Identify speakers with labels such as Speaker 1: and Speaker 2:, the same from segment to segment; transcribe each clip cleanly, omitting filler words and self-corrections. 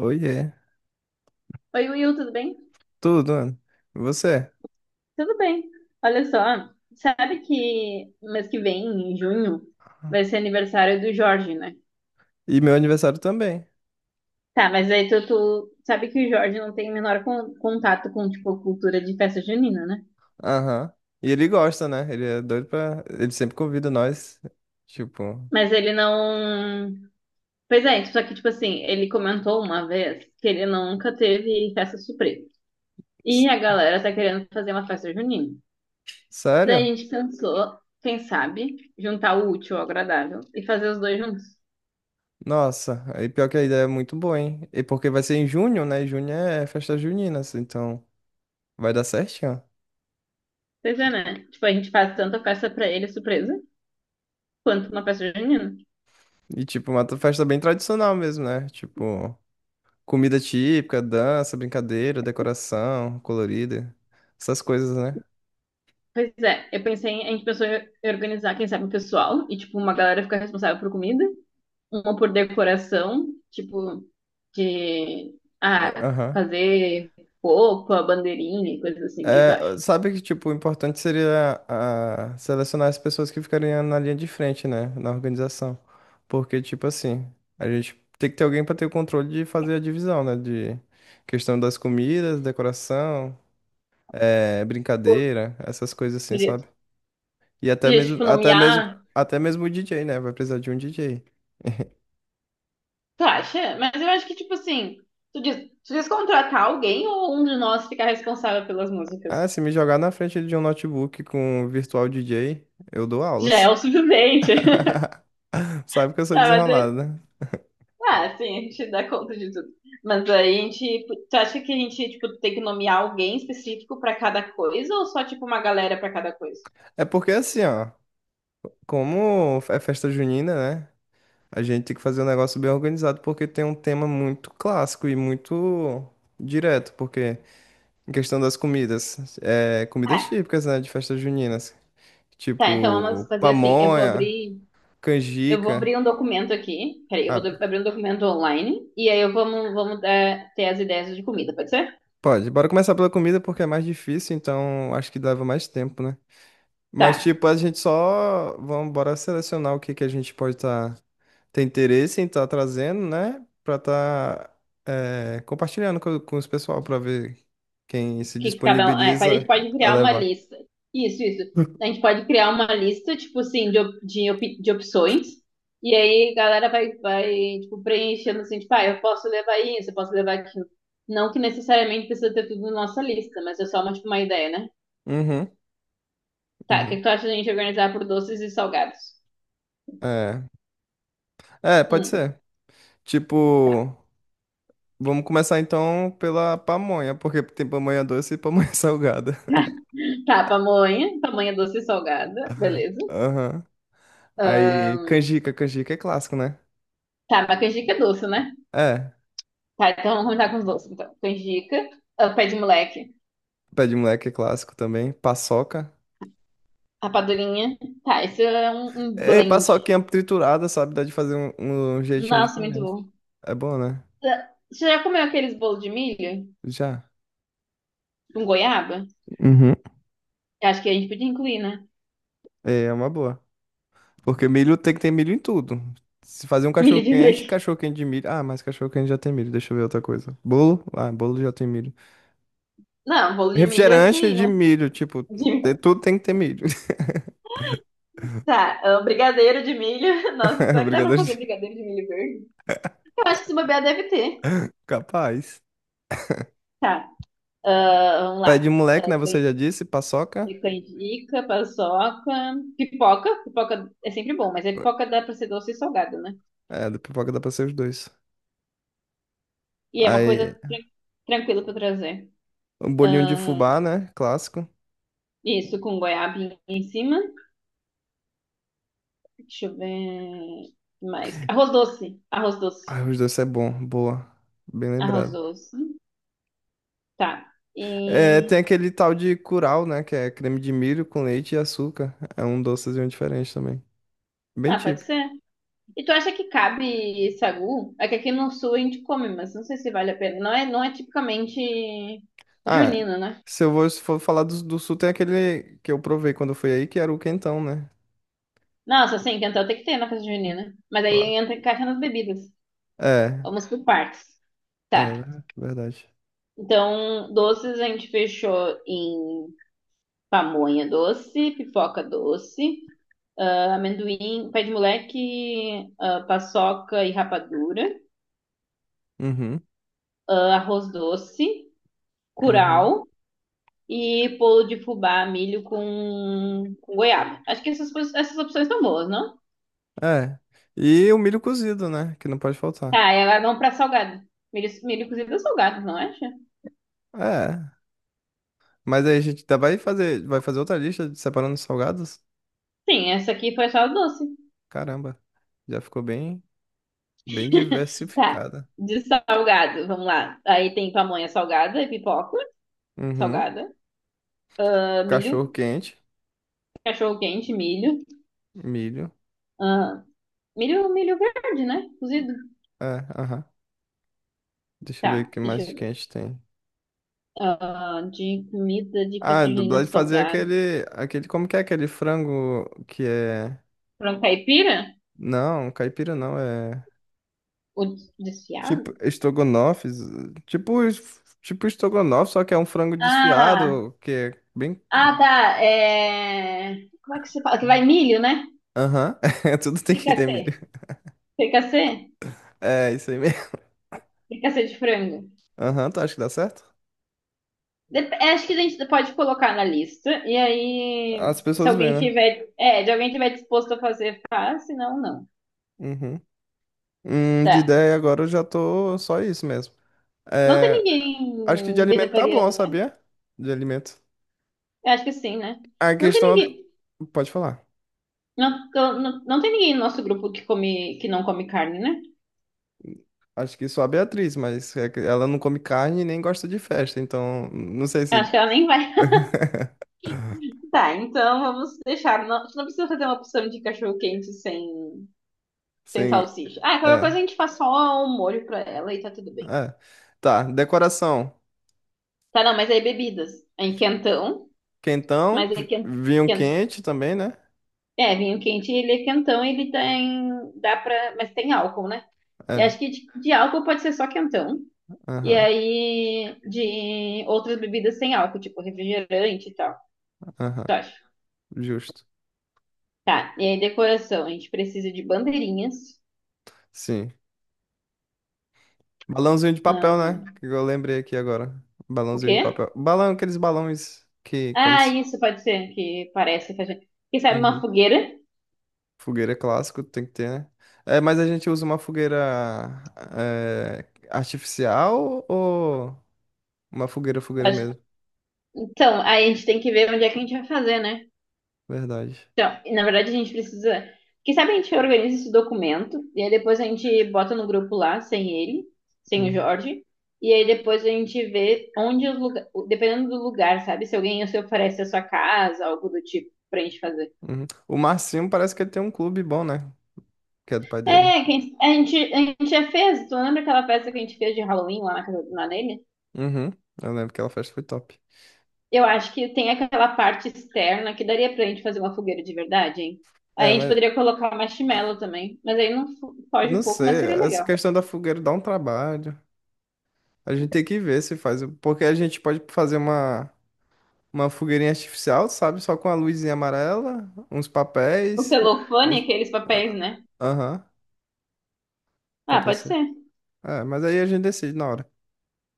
Speaker 1: Oiê.
Speaker 2: Oi, Will, tudo bem?
Speaker 1: Tudo, mano. E você?
Speaker 2: Tudo bem. Olha só, sabe que mês que vem, em junho, vai ser aniversário do Jorge, né?
Speaker 1: E meu aniversário também.
Speaker 2: Tá, mas aí tu sabe que o Jorge não tem o menor contato com, tipo, cultura de festa junina, né?
Speaker 1: Aham. E ele gosta, né? Ele é doido pra. Ele sempre convida nós. Tipo.
Speaker 2: Mas ele não... Pois é, só que, tipo assim, ele comentou uma vez que ele nunca teve festa surpresa. E
Speaker 1: s-
Speaker 2: a galera tá querendo fazer uma festa junina. Daí
Speaker 1: Sério?
Speaker 2: a gente pensou, quem sabe, juntar o útil ao agradável e fazer os dois juntos.
Speaker 1: Nossa. Aí pior que a ideia é muito boa, hein? E porque vai ser em junho, né? Junho é festa junina, assim, então vai dar certinho.
Speaker 2: Pois é, né? Tipo, a gente faz tanto a festa pra ele surpresa, quanto uma festa junina.
Speaker 1: E, tipo, uma festa bem tradicional mesmo, né? Tipo, comida típica, dança, brincadeira, decoração colorida. Essas coisas, né?
Speaker 2: Pois é, eu pensei, a gente pensou em organizar, quem sabe, o pessoal, e tipo, uma galera ficar responsável por comida, uma por decoração, tipo, de
Speaker 1: Aham.
Speaker 2: fazer roupa, bandeirinha e coisas assim, o que tu acha?
Speaker 1: É, sabe que, tipo, o importante seria selecionar as pessoas que ficariam na linha de frente, né, na organização. Porque, tipo assim, a gente tem que ter alguém para ter o controle de fazer a divisão, né, de questão das comidas, decoração,
Speaker 2: Pô,
Speaker 1: brincadeira, essas coisas assim,
Speaker 2: tu diz,
Speaker 1: sabe? E até
Speaker 2: tu diz,
Speaker 1: mesmo,
Speaker 2: tipo,
Speaker 1: até
Speaker 2: nomear,
Speaker 1: mesmo, até mesmo o DJ, né, vai precisar de um DJ.
Speaker 2: tu acha? Mas eu acho que, tipo assim, tu diz, tu diz contratar alguém ou um de nós ficar responsável pelas músicas?
Speaker 1: Ah, se me jogar na frente de um notebook com um virtual DJ, eu dou
Speaker 2: Já é
Speaker 1: aulas.
Speaker 2: o suficiente.
Speaker 1: Sabe que eu sou
Speaker 2: Tá, mas
Speaker 1: desenrolado,
Speaker 2: eu-
Speaker 1: né?
Speaker 2: Ah, sim, a gente dá conta de tudo. Mas aí a gente. Tu acha que a gente, tipo, tem que nomear alguém específico pra cada coisa ou só, tipo, uma galera pra cada coisa?
Speaker 1: É porque assim, ó. Como é festa junina, né? A gente tem que fazer um negócio bem organizado porque tem um tema muito clássico e muito direto, porque em questão das comidas, é, comidas
Speaker 2: Tá,
Speaker 1: típicas, né, de festas juninas,
Speaker 2: tá, então vamos
Speaker 1: tipo
Speaker 2: fazer assim. Eu vou
Speaker 1: pamonha,
Speaker 2: abrir. Eu vou
Speaker 1: canjica.
Speaker 2: abrir um documento aqui. Peraí, eu vou
Speaker 1: Ah,
Speaker 2: abrir um documento online. E aí eu vamos dar, ter as ideias de comida, pode ser?
Speaker 1: pode, bora começar pela comida porque é mais difícil, então acho que leva mais tempo, né? Mas
Speaker 2: Tá.
Speaker 1: tipo, a gente só vamos bora selecionar o que que a gente pode estar tem interesse em estar trazendo, né? Pra estar compartilhando com os pessoal para ver quem se
Speaker 2: Que cada um. É, a gente
Speaker 1: disponibiliza
Speaker 2: pode
Speaker 1: a
Speaker 2: criar uma
Speaker 1: levar.
Speaker 2: lista. Isso, isso. A gente pode criar uma lista, tipo assim, de, de opções. E aí a galera vai, tipo, preenchendo assim, tipo, ah, eu posso levar isso, eu posso levar aquilo. Não que necessariamente precisa ter tudo na nossa lista, mas é só uma, tipo, uma ideia, né?
Speaker 1: Uhum,
Speaker 2: Tá, o que
Speaker 1: uhum.
Speaker 2: que tu acha da gente organizar por doces e salgados?
Speaker 1: É. É, pode
Speaker 2: Hum,
Speaker 1: ser. Tipo,
Speaker 2: tá.
Speaker 1: vamos começar então pela pamonha, porque tem pamonha doce e pamonha salgada.
Speaker 2: Tá, pamonha, pamonha doce e salgada, beleza.
Speaker 1: Aham.
Speaker 2: Ah,
Speaker 1: Aí, canjica, canjica é clássico, né?
Speaker 2: tá, mas canjica é doce, né?
Speaker 1: É.
Speaker 2: Tá, então vamos começar com os doces, então. Canjica, ah, pé de moleque.
Speaker 1: Pé de moleque é clássico também. Paçoca.
Speaker 2: Rapadurinha. Tá, esse é um, um
Speaker 1: E
Speaker 2: blend.
Speaker 1: paçoquinha triturada, sabe? Dá de fazer um, um jeitinho
Speaker 2: Nossa, muito
Speaker 1: diferente.
Speaker 2: bom.
Speaker 1: É bom, né?
Speaker 2: Tá, você já comeu aqueles bolos de milho
Speaker 1: Já.
Speaker 2: com goiaba?
Speaker 1: Uhum.
Speaker 2: Eu acho que a gente podia incluir, né?
Speaker 1: É uma boa. Porque milho tem que ter milho em tudo. Se fazer um
Speaker 2: Milho de milho.
Speaker 1: cachorro quente de milho. Ah, mas cachorro quente já tem milho. Deixa eu ver outra coisa. Bolo? Ah, bolo já tem milho.
Speaker 2: Não, bolo de milho é esse
Speaker 1: Refrigerante
Speaker 2: aí,
Speaker 1: de
Speaker 2: né?
Speaker 1: milho, tipo,
Speaker 2: De-
Speaker 1: tudo tem que ter milho.
Speaker 2: Tá, ah, brigadeiro de milho. Nossa, será que dá pra
Speaker 1: Brigadeiro
Speaker 2: fazer
Speaker 1: de...
Speaker 2: brigadeiro de milho verde? Eu acho que se bobear deve ter.
Speaker 1: Capaz.
Speaker 2: Tá, ah, vamos
Speaker 1: Pé de
Speaker 2: lá.
Speaker 1: moleque,
Speaker 2: Ah,
Speaker 1: né?
Speaker 2: can-
Speaker 1: Você já disse, paçoca.
Speaker 2: Canjica, paçoca, pipoca. Pipoca é sempre bom, mas a pipoca dá pra ser doce e salgada, né?
Speaker 1: É, da pipoca dá pra ser os dois.
Speaker 2: E é uma coisa
Speaker 1: Aí,
Speaker 2: tranquila pra trazer.
Speaker 1: um bolinho de
Speaker 2: Ah,
Speaker 1: fubá, né? Clássico.
Speaker 2: isso, com goiabinha em cima. Deixa eu ver mais. Arroz doce. Arroz doce.
Speaker 1: Ai, os dois é bom, boa. Bem
Speaker 2: Arroz
Speaker 1: lembrado.
Speaker 2: doce. Tá.
Speaker 1: É, tem
Speaker 2: E.
Speaker 1: aquele tal de curau, né? Que é creme de milho com leite e açúcar. É um docezinho diferente também. Bem
Speaker 2: Ah, pode
Speaker 1: típico.
Speaker 2: ser. E tu acha que cabe sagu? É que aqui no sul a gente come, mas não sei se vale a pena. Não é tipicamente
Speaker 1: Ah,
Speaker 2: junino, né?
Speaker 1: se eu vou, se for falar do, do sul, tem aquele que eu provei quando eu fui aí, que era o quentão, né?
Speaker 2: Nossa, sim, então tem que ter na festa junina. Mas aí
Speaker 1: Lá.
Speaker 2: entra caixa nas bebidas.
Speaker 1: É,
Speaker 2: Vamos por partes. Tá.
Speaker 1: verdade.
Speaker 2: Então, doces a gente fechou em pamonha doce, pipoca doce, amendoim, pé de moleque, ah, paçoca e rapadura,
Speaker 1: Uhum,
Speaker 2: ah, arroz doce,
Speaker 1: uhum.
Speaker 2: curau e bolo de fubá, milho com goiaba. Acho que essas, essas opções estão boas, não?
Speaker 1: É. E o milho cozido, né? Que não pode faltar.
Speaker 2: Tá, e agora vamos pra salgado. Milho, milho cozido é salgado, não acha?
Speaker 1: É. Mas aí a gente vai fazer outra lista de separando os salgados?
Speaker 2: Sim, essa aqui foi só doce.
Speaker 1: Caramba, já ficou bem, bem
Speaker 2: Tá,
Speaker 1: diversificada.
Speaker 2: de salgado, vamos lá. Aí tem pamonha salgada e pipoca
Speaker 1: Uhum.
Speaker 2: salgada, ah, milho,
Speaker 1: Cachorro quente.
Speaker 2: cachorro quente, milho,
Speaker 1: Milho.
Speaker 2: ah, milho, milho verde, né? Cozido.
Speaker 1: É, aham. Deixa eu ver o
Speaker 2: Tá,
Speaker 1: que
Speaker 2: deixa
Speaker 1: mais que
Speaker 2: eu
Speaker 1: a gente tem.
Speaker 2: ah, de comida de
Speaker 1: Ah,
Speaker 2: festa junina
Speaker 1: dublagem fazer
Speaker 2: salgado.
Speaker 1: aquele, aquele. Como que é aquele frango que é.
Speaker 2: Frango caipira?
Speaker 1: Não, caipira não, é.
Speaker 2: O desfiado?
Speaker 1: Tipo estrogonofe. Tipo, tipo estrogonofe, só que é um frango
Speaker 2: Ah,
Speaker 1: desfiado, que é bem.
Speaker 2: ah, tá. É... Como é que você fala? Que vai milho, né?
Speaker 1: Aham. Tudo tem que ter
Speaker 2: Fricassê.
Speaker 1: milho.
Speaker 2: Fricassê?
Speaker 1: É, isso aí mesmo.
Speaker 2: Fricassê de frango.
Speaker 1: Aham, tu acha que dá certo?
Speaker 2: É, acho que a gente pode colocar na lista. E aí,
Speaker 1: As
Speaker 2: se
Speaker 1: pessoas
Speaker 2: alguém
Speaker 1: veem, né?
Speaker 2: tiver, é, se alguém tiver disposto a fazer, faz, se não, não.
Speaker 1: Uhum. De
Speaker 2: Tá.
Speaker 1: ideia agora eu já tô só isso mesmo.
Speaker 2: Não tem
Speaker 1: É, acho que de
Speaker 2: ninguém
Speaker 1: alimento tá bom,
Speaker 2: vegetariano, né?
Speaker 1: sabia? De alimento.
Speaker 2: Eu acho que sim, né?
Speaker 1: A
Speaker 2: Não tem
Speaker 1: questão.
Speaker 2: ninguém.
Speaker 1: Pode falar.
Speaker 2: Não, não tem ninguém no nosso grupo que não come carne, né?
Speaker 1: Acho que só a Beatriz, mas é que ela não come carne e nem gosta de festa, então não sei
Speaker 2: Eu
Speaker 1: se.
Speaker 2: acho que ela nem vai. Tá, então vamos deixar. Não, a gente não precisa fazer uma opção de cachorro quente sem
Speaker 1: Sim.
Speaker 2: salsicha. Ah, qualquer coisa a
Speaker 1: É,
Speaker 2: gente faz só um molho pra ela e tá tudo bem.
Speaker 1: é. Tá, decoração.
Speaker 2: Tá, não, mas aí bebidas. É em quentão,
Speaker 1: Quentão,
Speaker 2: mas é quentão.
Speaker 1: vinho quente também, né?
Speaker 2: É, vinho quente, ele é quentão, ele tem. Dá pra. Mas tem álcool, né? Eu
Speaker 1: É,
Speaker 2: acho que de álcool pode ser só quentão. E
Speaker 1: aham,
Speaker 2: aí, de outras bebidas sem álcool, tipo refrigerante e tal. Tá.
Speaker 1: aham, justo.
Speaker 2: Tá, e aí decoração, a gente precisa de bandeirinhas.
Speaker 1: Sim. Balãozinho de papel, né?
Speaker 2: Ahn,
Speaker 1: Que eu lembrei aqui agora.
Speaker 2: o
Speaker 1: Balãozinho de
Speaker 2: quê?
Speaker 1: papel. Balão, aqueles balões que, como
Speaker 2: Ah,
Speaker 1: se...
Speaker 2: isso pode ser que parece que a gente... Que sabe uma
Speaker 1: Uhum.
Speaker 2: fogueira?
Speaker 1: Fogueira é clássico, tem que ter, né? É, mas a gente usa uma fogueira é, artificial ou uma fogueira, fogueira
Speaker 2: Pode-
Speaker 1: mesmo?
Speaker 2: Então, aí a gente tem que ver onde é que a gente vai fazer, né?
Speaker 1: Verdade.
Speaker 2: Então, e na verdade a gente precisa... Que sabe a gente organiza esse documento e aí depois a gente bota no grupo lá, sem ele, sem o
Speaker 1: Uhum,
Speaker 2: Jorge. E aí depois a gente vê onde os lugares... Dependendo do lugar, sabe? Se alguém se oferece a sua casa, algo do tipo, pra gente fazer.
Speaker 1: uhum. O Marcinho parece que ele tem um clube bom, né? Que é do pai dele.
Speaker 2: É, a gente já fez. Tu lembra aquela festa que a gente fez de Halloween lá na casa do Nanene?
Speaker 1: Uhum, eu lembro que aquela festa foi top.
Speaker 2: Eu acho que tem aquela parte externa que daria pra gente fazer uma fogueira de verdade, hein? Aí
Speaker 1: É,
Speaker 2: a gente
Speaker 1: mas
Speaker 2: poderia colocar marshmallow também. Mas aí não foge um
Speaker 1: não
Speaker 2: pouco, mas
Speaker 1: sei,
Speaker 2: seria
Speaker 1: essa
Speaker 2: legal.
Speaker 1: questão da fogueira dá um trabalho. A gente tem que ver se faz, porque a gente pode fazer uma fogueirinha artificial, sabe? Só com a luzinha amarela, uns
Speaker 2: O
Speaker 1: papéis.
Speaker 2: celofane,
Speaker 1: uns-
Speaker 2: aqueles papéis,
Speaker 1: ah,
Speaker 2: né?
Speaker 1: Aham. Pra
Speaker 2: Ah, pode
Speaker 1: pessoa.
Speaker 2: ser.
Speaker 1: É, mas aí a gente decide na hora.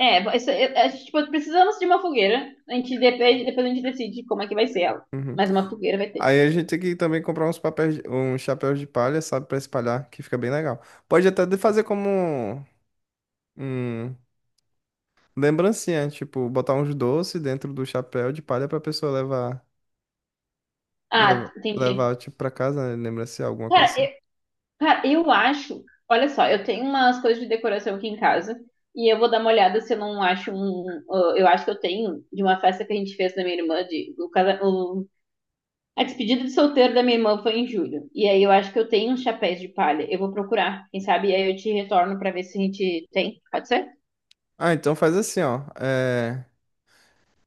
Speaker 2: É, a gente, tipo, precisamos de uma fogueira. A gente depende, depois a gente decide como é que vai ser ela.
Speaker 1: Uhum.
Speaker 2: Mas uma fogueira vai ter.
Speaker 1: Aí a gente tem que também comprar uns papéis, uns chapéus de palha, sabe, pra espalhar, que fica bem legal. Pode até fazer como um lembrancinha, tipo, botar uns doces dentro do chapéu de palha pra pessoa levar,
Speaker 2: Ah,
Speaker 1: leva-
Speaker 2: entendi.
Speaker 1: levar, tipo, pra casa, né, lembrancinha, alguma coisa
Speaker 2: Cara,
Speaker 1: assim.
Speaker 2: Cara, eu acho. Olha só, eu tenho umas coisas de decoração aqui em casa e eu vou dar uma olhada se eu não acho um. Eu acho que eu tenho de uma festa que a gente fez da minha irmã, de, o, casa- o- a despedida de solteiro da minha irmã foi em julho. E aí eu acho que eu tenho uns chapéus de palha. Eu vou procurar, quem sabe? E aí eu te retorno pra ver se a gente tem. Pode ser?
Speaker 1: Ah, então faz assim, ó.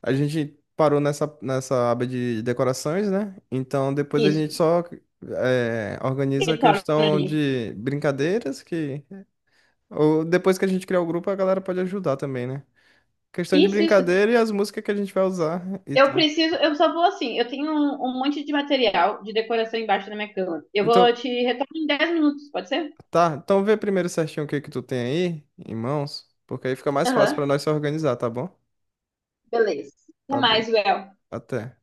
Speaker 1: A gente parou nessa, nessa aba de decorações, né? Então depois a
Speaker 2: Isso.
Speaker 1: gente só organiza a
Speaker 2: Retorno
Speaker 1: questão
Speaker 2: nisso.
Speaker 1: de brincadeiras que Ou depois que a gente criar o grupo, a galera pode ajudar também, né? Questão de
Speaker 2: Isso, isso.
Speaker 1: brincadeira e as músicas que a gente vai usar e
Speaker 2: Eu
Speaker 1: tal.
Speaker 2: preciso, eu só vou assim, eu tenho um, um monte de material de decoração embaixo da minha cama. Eu vou
Speaker 1: Então,
Speaker 2: te retorno em 10 minutos, pode ser?
Speaker 1: tá. Então vê primeiro certinho o que que tu tem aí em mãos, porque aí fica mais fácil pra
Speaker 2: Aham.
Speaker 1: nós se organizar, tá bom?
Speaker 2: Beleza.
Speaker 1: Tá
Speaker 2: Até
Speaker 1: bom.
Speaker 2: mais, Well.
Speaker 1: Até.